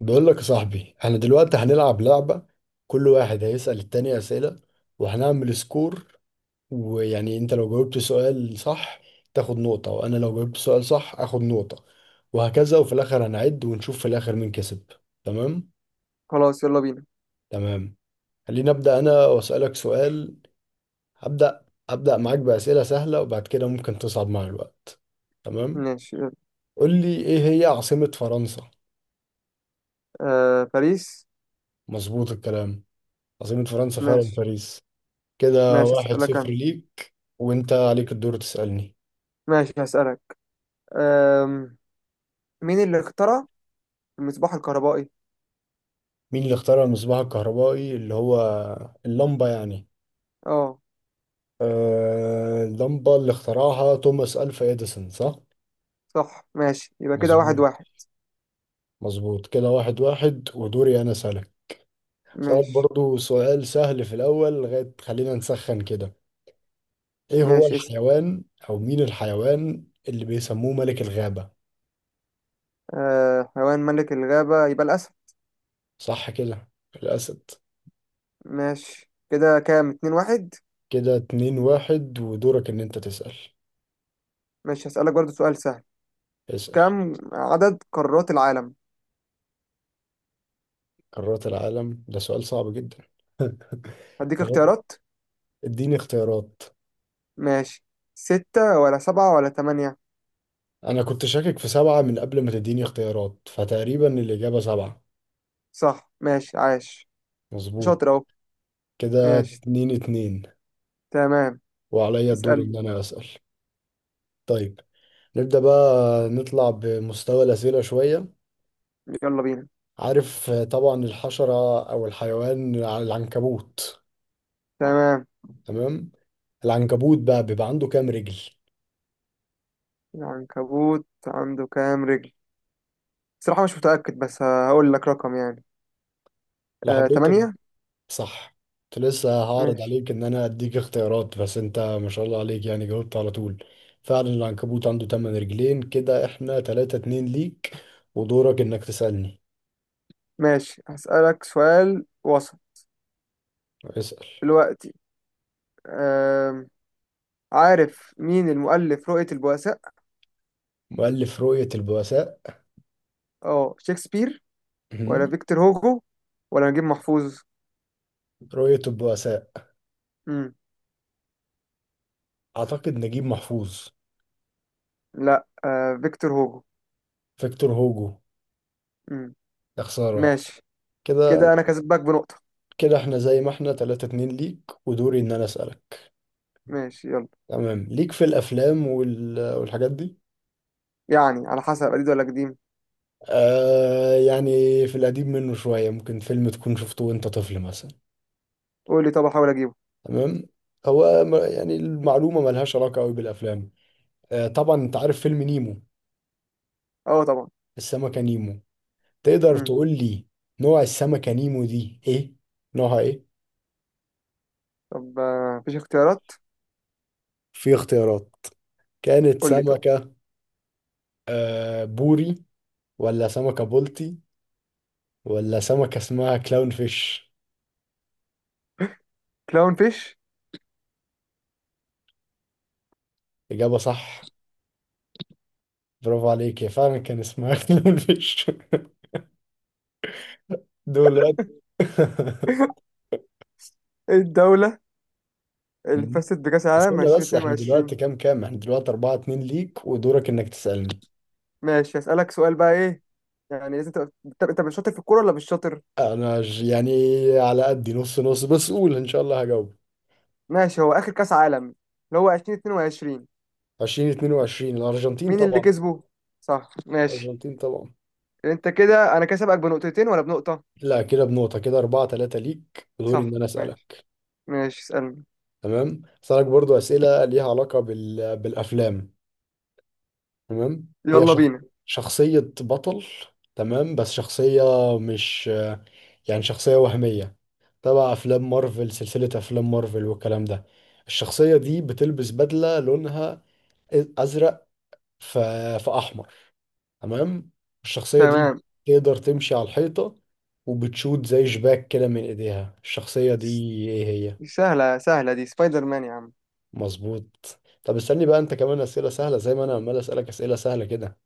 بقول لك يا صاحبي، احنا دلوقتي هنلعب لعبة. كل واحد هيسأل التاني أسئلة، وهنعمل سكور. ويعني انت لو جاوبت سؤال صح تاخد نقطة، وانا لو جاوبت سؤال صح اخد نقطة، وهكذا. وفي الاخر هنعد ونشوف في الاخر مين كسب. تمام؟ خلاص، يلا بينا. تمام. خليني ابدأ انا واسألك سؤال. ابدأ معاك بأسئلة سهلة، وبعد كده ممكن تصعب مع الوقت. تمام. ماشي، يلا. قول لي، ايه هي عاصمة فرنسا؟ آه، باريس. مظبوط الكلام. عاصمة فرنسا فعلا ماشي. باريس. كده ماشي، واحد هسألك صفر أنا. ليك، وانت عليك الدور تسألني. ماشي، هسألك. آم، مين اللي اخترع المصباح الكهربائي؟ مين اللي اخترع المصباح الكهربائي، اللي هو اللمبة يعني؟ اه. آه، اللمبة اللي اخترعها توماس ألفا إديسون، صح؟ صح، ماشي، يبقى كده واحد مظبوط. واحد. مظبوط كده 1-1، ودوري أنا أسألك. أسألك ماشي. برضو سؤال سهل في الأول لغاية خلينا نسخن كده. إيه هو ماشي، اسأل. الحيوان، أو مين الحيوان اللي بيسموه ملك الغابة؟ آه، حيوان ملك الغابة يبقى الأسد. صح كده، الأسد. ماشي، كده كام؟ اتنين واحد. كده 2-1، ودورك إن أنت تسأل. ماشي، هسألك برضو سؤال سهل. اسأل. كم عدد قارات العالم؟ قارات العالم، ده سؤال صعب جدا. هديك تمام، اختيارات. اديني اختيارات. ماشي. ستة ولا سبعة ولا تمانية؟ انا كنت شاكك في سبعة من قبل ما تديني اختيارات، فتقريبا الإجابة سبعة. صح، ماشي، عاش. مظبوط شاطر أهو. كده ماشي. 2-2، تمام. وعليا الدور ان اسألني. انا اسأل. طيب، نبدأ بقى نطلع بمستوى الأسئلة شوية. يلا بينا. عارف، طبعا الحشرة او الحيوان على العنكبوت؟ تمام. تمام. العنكبوت بقى بيبقى عنده كام رجل؟ العنكبوت عنده كام رجل؟ صراحة مش متأكد بس هقول لك رقم يعني. لو حبيت. تمانية. صح. كنت لسه هعرض ماشي. عليك ان انا اديك اختيارات، بس انت ما شاء الله عليك، يعني جاوبت على طول. فعلا العنكبوت عنده تمن رجلين. كده احنا 3-2 ليك، ودورك انك تسألني. ماشي، هسألك سؤال وسط. اسأل. دلوقتي. آم، عارف مين المؤلف رؤية البؤساء؟ مؤلف رؤية البؤساء. اه، شكسبير ولا مهم. فيكتور هوجو ولا نجيب محفوظ؟ رؤية البؤساء، مم. اعتقد نجيب محفوظ. لا، فيكتور هوجو. فيكتور هوجو. مم. يا خسارة. ماشي. كده. كده انا كسبك بنقطة. كده احنا زي ما احنا 3-2 ليك، ودوري ان انا اسألك. ماشي، يلا. تمام. ليك في الافلام والحاجات دي؟ يعني على حسب، قديم ولا قديم؟ آه يعني. في القديم منه شوية، ممكن فيلم تكون شفته وانت طفل مثلا. قول لي طب، احاول اجيبه. تمام. هو يعني المعلومة ملهاش علاقة قوي بالأفلام. آه طبعا، انت عارف فيلم نيمو؟ اه طبعا. السمكة نيمو. تقدر مم. تقول لي نوع السمكة نيمو دي ايه، نوعها ايه؟ طب، مفيش اختيارات؟ في اختيارات. كانت قول لي طب. سمكة، آه، بوري، ولا سمكة بولتي، ولا سمكة اسمها كلاون فيش؟ كلاون فيش. إجابة صح. برافو عليك، هي فعلا كان اسمها كلاون فيش. دول. ايه الدولة اللي فازت بكأس العالم استنى بس، احنا دلوقتي 2022؟ كام كام؟ احنا دلوقتي 4-2 ليك، ودورك انك تسألني. ماشي، هسألك سؤال بقى، ايه يعني؟ لازم تبقى انت، مش شاطر في الكورة ولا مش شاطر. انا يعني على قدي، نص نص، بس قول ان شاء الله هجاوب. ماشي. هو آخر كأس عالم اللي هو 2022، 2022 الارجنتين مين اللي طبعا. كسبه؟ صح، ماشي. الارجنتين طبعا. انت كده انا كسبك بنقطتين ولا بنقطة؟ لا، كده بنقطة. كده 4-3 ليك، ودوري ان صح، انا ماشي. اسألك. ماشي، اسألني. تمام، اسألك برضو اسئلة ليها علاقة بالافلام. تمام. هي يلا بينا. شخصية بطل. تمام، بس شخصية، مش يعني، شخصية وهمية. تبع أفلام مارفل، سلسلة أفلام مارفل والكلام ده. الشخصية دي بتلبس بدلة لونها أزرق، ف- فأحمر. تمام. الشخصية دي تمام. تقدر تمشي على الحيطة، وبتشوت زي شباك كده من إيديها. الشخصية دي إيه هي؟ سهلة سهلة، دي سبايدر مان يا عم. مظبوط. طب استني بقى، أنت كمان أسئلة سهلة زي ما أنا عمال أسألك أسئلة سهلة كده.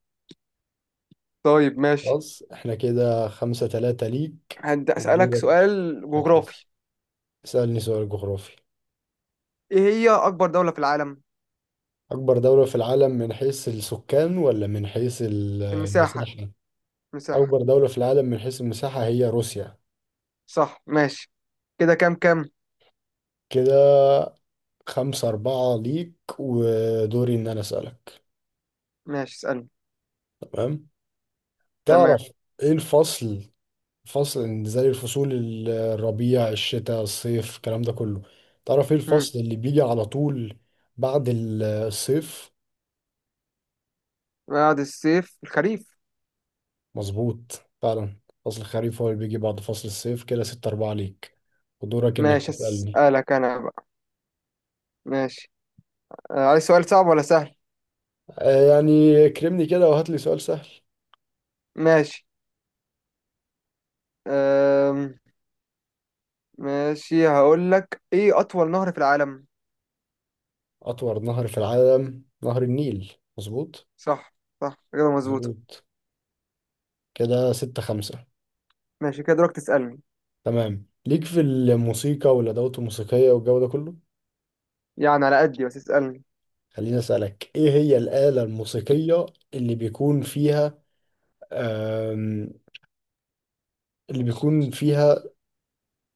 طيب، ماشي. خلاص، إحنا كده 5-3 ليك. هبدأ أسألك ودورك سؤال إنك جغرافي. تسألني سؤال جغرافي. ايه هي أكبر دولة في العالم؟ أكبر دولة في العالم من حيث السكان ولا من حيث المساحة. المساحة؟ مساحة. أكبر دولة في العالم من حيث المساحة هي روسيا. صح، ماشي. كده كام كام؟ كده 5-4 ليك، ودوري إن أنا أسألك. ماشي، اسألني. تمام؟ تعرف تمام. إيه الفصل؟ فصل إن، زي الفصول، الربيع، الشتاء، الصيف، الكلام ده كله. تعرف إيه مم. الفصل اللي بيجي على طول بعد الصيف؟ بعد الصيف الخريف. مظبوط فعلا. فصل الخريف هو اللي بيجي بعد فصل الصيف. كده 6-4 ليك، ودورك إنك ماشي، تسألني. اسألك أنا بقى. ماشي. عايز سؤال صعب ولا سهل؟ يعني كرمني كده وهات لي سؤال سهل. ماشي. أم... ماشي، هقول لك، إيه أطول نهر في العالم؟ أطول نهر في العالم نهر النيل، مظبوط. صح. صح، كده مظبوطة. مظبوط كده 6-5. ماشي، كده دورك تسألني. تمام، ليك في الموسيقى والأدوات الموسيقية والجو ده كله. يعني على قدي، بس اسألني. خليني أسألك، إيه هي الآلة الموسيقية اللي بيكون فيها آم، اللي بيكون فيها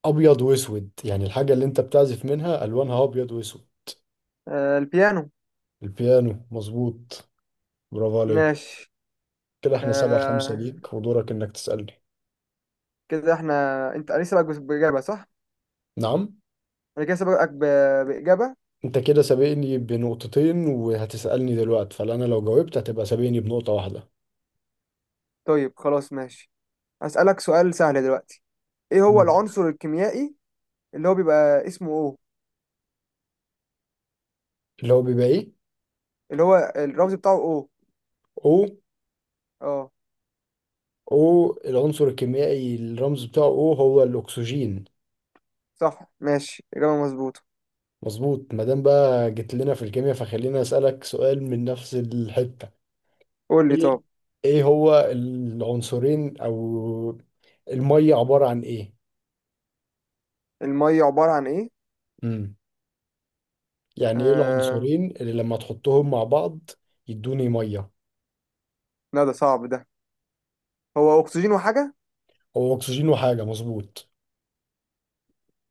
أبيض وأسود؟ يعني الحاجة اللي أنت بتعزف منها ألوانها أبيض وأسود. أه، البيانو. البيانو، مظبوط. برافو عليك. ماشي. كده احنا 7-5 أه. ليك، ودورك إنك تسألني. كده احنا، انا سبقك بإجابة، صح؟ نعم. انا كده سبقك بإجابة. انت كده سابقني بنقطتين، وهتسألني دلوقتي، فانا لو جاوبت هتبقى سابقني بنقطة واحدة. طيب خلاص ماشي. هسألك سؤال سهل دلوقتي. ايه هو مم. العنصر الكيميائي اللي هو بيبقى اسمه او، اللي هو بيبقى ايه، اللي هو الرمز بتاعه او؟ او اه. او العنصر الكيميائي الرمز بتاعه او، هو الاكسجين. صح، ماشي، إجابة مظبوطة. مظبوط. ما دام بقى جيت لنا في الكيمياء، فخلينا اسالك سؤال من نفس الحته. قول لي ايه طب. ايه هو العنصرين، او الميه عباره عن ايه؟ المية عبارة عن ايه؟ امم يعني ايه آه... العنصرين اللي لما تحطهم مع بعض يدوني ميه؟ لا، ده صعب ده. هو اكسجين وحاجة. هو اكسجين وحاجه، مظبوط.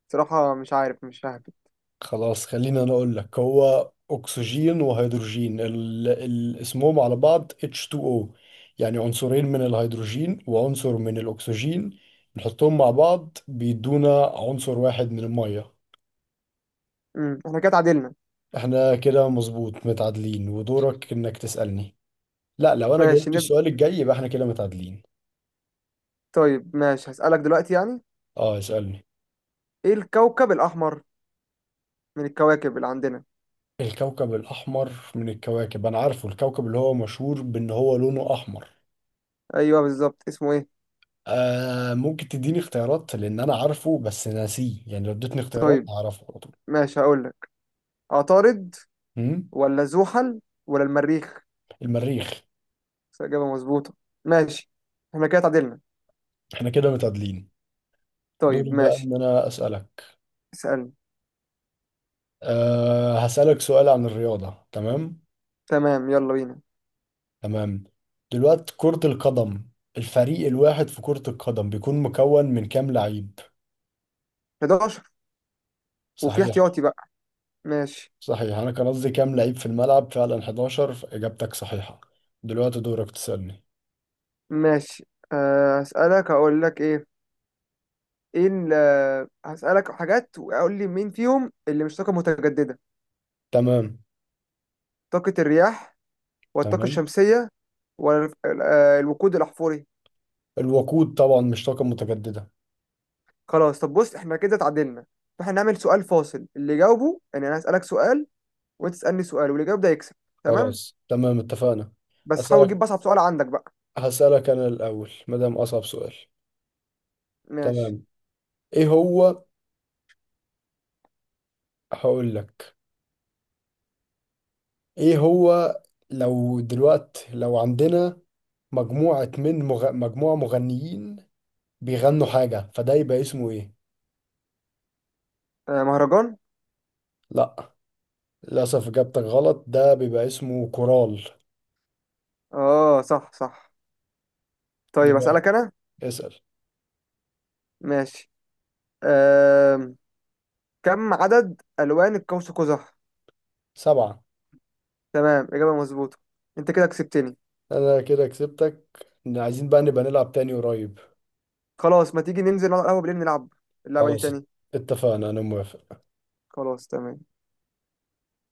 صراحة مش عارف، مش ههبد. خلاص، خليني انا اقول لك، هو اكسجين وهيدروجين، اسمهم على بعض H2O. يعني عنصرين من الهيدروجين وعنصر من الاكسجين، نحطهم مع بعض بيدونا عنصر واحد من المية. احنا كده اتعادلنا. احنا كده مظبوط متعادلين، ودورك انك تسألني. لا، لو انا ماشي جاوبت السؤال الجاي يبقى احنا كده متعادلين. طيب ماشي، هسألك دلوقتي يعني. اه، اسألني. ايه الكوكب الأحمر من الكواكب اللي عندنا؟ الكوكب الاحمر من الكواكب، انا عارفه، الكوكب اللي هو مشهور بان هو لونه احمر. ايوه بالظبط، اسمه ايه؟ آه، ممكن تديني اختيارات، لان انا عارفه بس ناسيه، يعني لو اديتني اختيارات طيب هعرفه على طول. ماشي، هقول لك. عطارد مم؟ ولا زحل ولا المريخ؟ المريخ. بس إجابة مظبوطة. ماشي. احنا كده اتعادلنا. احنا كده متعادلين. طيب دوري بقى ماشي. ان انا اسالك. اسألني. أه، هسالك سؤال عن الرياضه، تمام؟ تمام. يلا بينا. تمام. دلوقتي كره القدم، الفريق الواحد في كره القدم بيكون مكون من كام لعيب؟ 11. وفي صحيح. احتياطي بقى. ماشي. صحيح، انا كان قصدي كام لعيب في الملعب، فعلا 11 اجابتك صحيحه. دلوقتي دورك تسالني. ماشي. هسألك، هقول لك ايه. ايه هسألك حاجات وأقول لي مين فيهم اللي مش طاقة متجددة. تمام. طاقة الرياح ولا الطاقة تمام، الشمسية ولا الوقود الأحفوري. الوقود طبعا مش طاقه متجدده. خلاص، طب بص، احنا كده اتعادلنا. فاحنا نعمل سؤال فاصل اللي يجاوبه، يعني انا هسألك سؤال وانت تسألني سؤال واللي يجاوب ده يكسب. تمام. خلاص تمام، اتفقنا. بس حاول هسألك تجيب اصعب سؤال عندك بقى. هسألك أنا الأول ما دام أصعب سؤال. ماشي. تمام. إيه هو، هقول لك إيه هو، لو عندنا مجموعة مغنيين بيغنوا حاجة، فده يبقى اسمه إيه؟ مهرجان. لا، للأسف إجابتك غلط. ده بيبقى اسمه كورال. اه، صح صح. طيب دلوقتي اسالك انا. اسأل. ماشي. آه، كم عدد الوان القوس قزح؟ سبعة. تمام، اجابه مظبوطه. انت كده كسبتني. أنا كده كسبتك. عايزين بقى نبقى نلعب تاني قريب. خلاص، ما تيجي ننزل نقعد على القهوه بالليل نلعب اللعبه دي خلاص تاني؟ اتفقنا، أنا موافق. خلاص، تمام.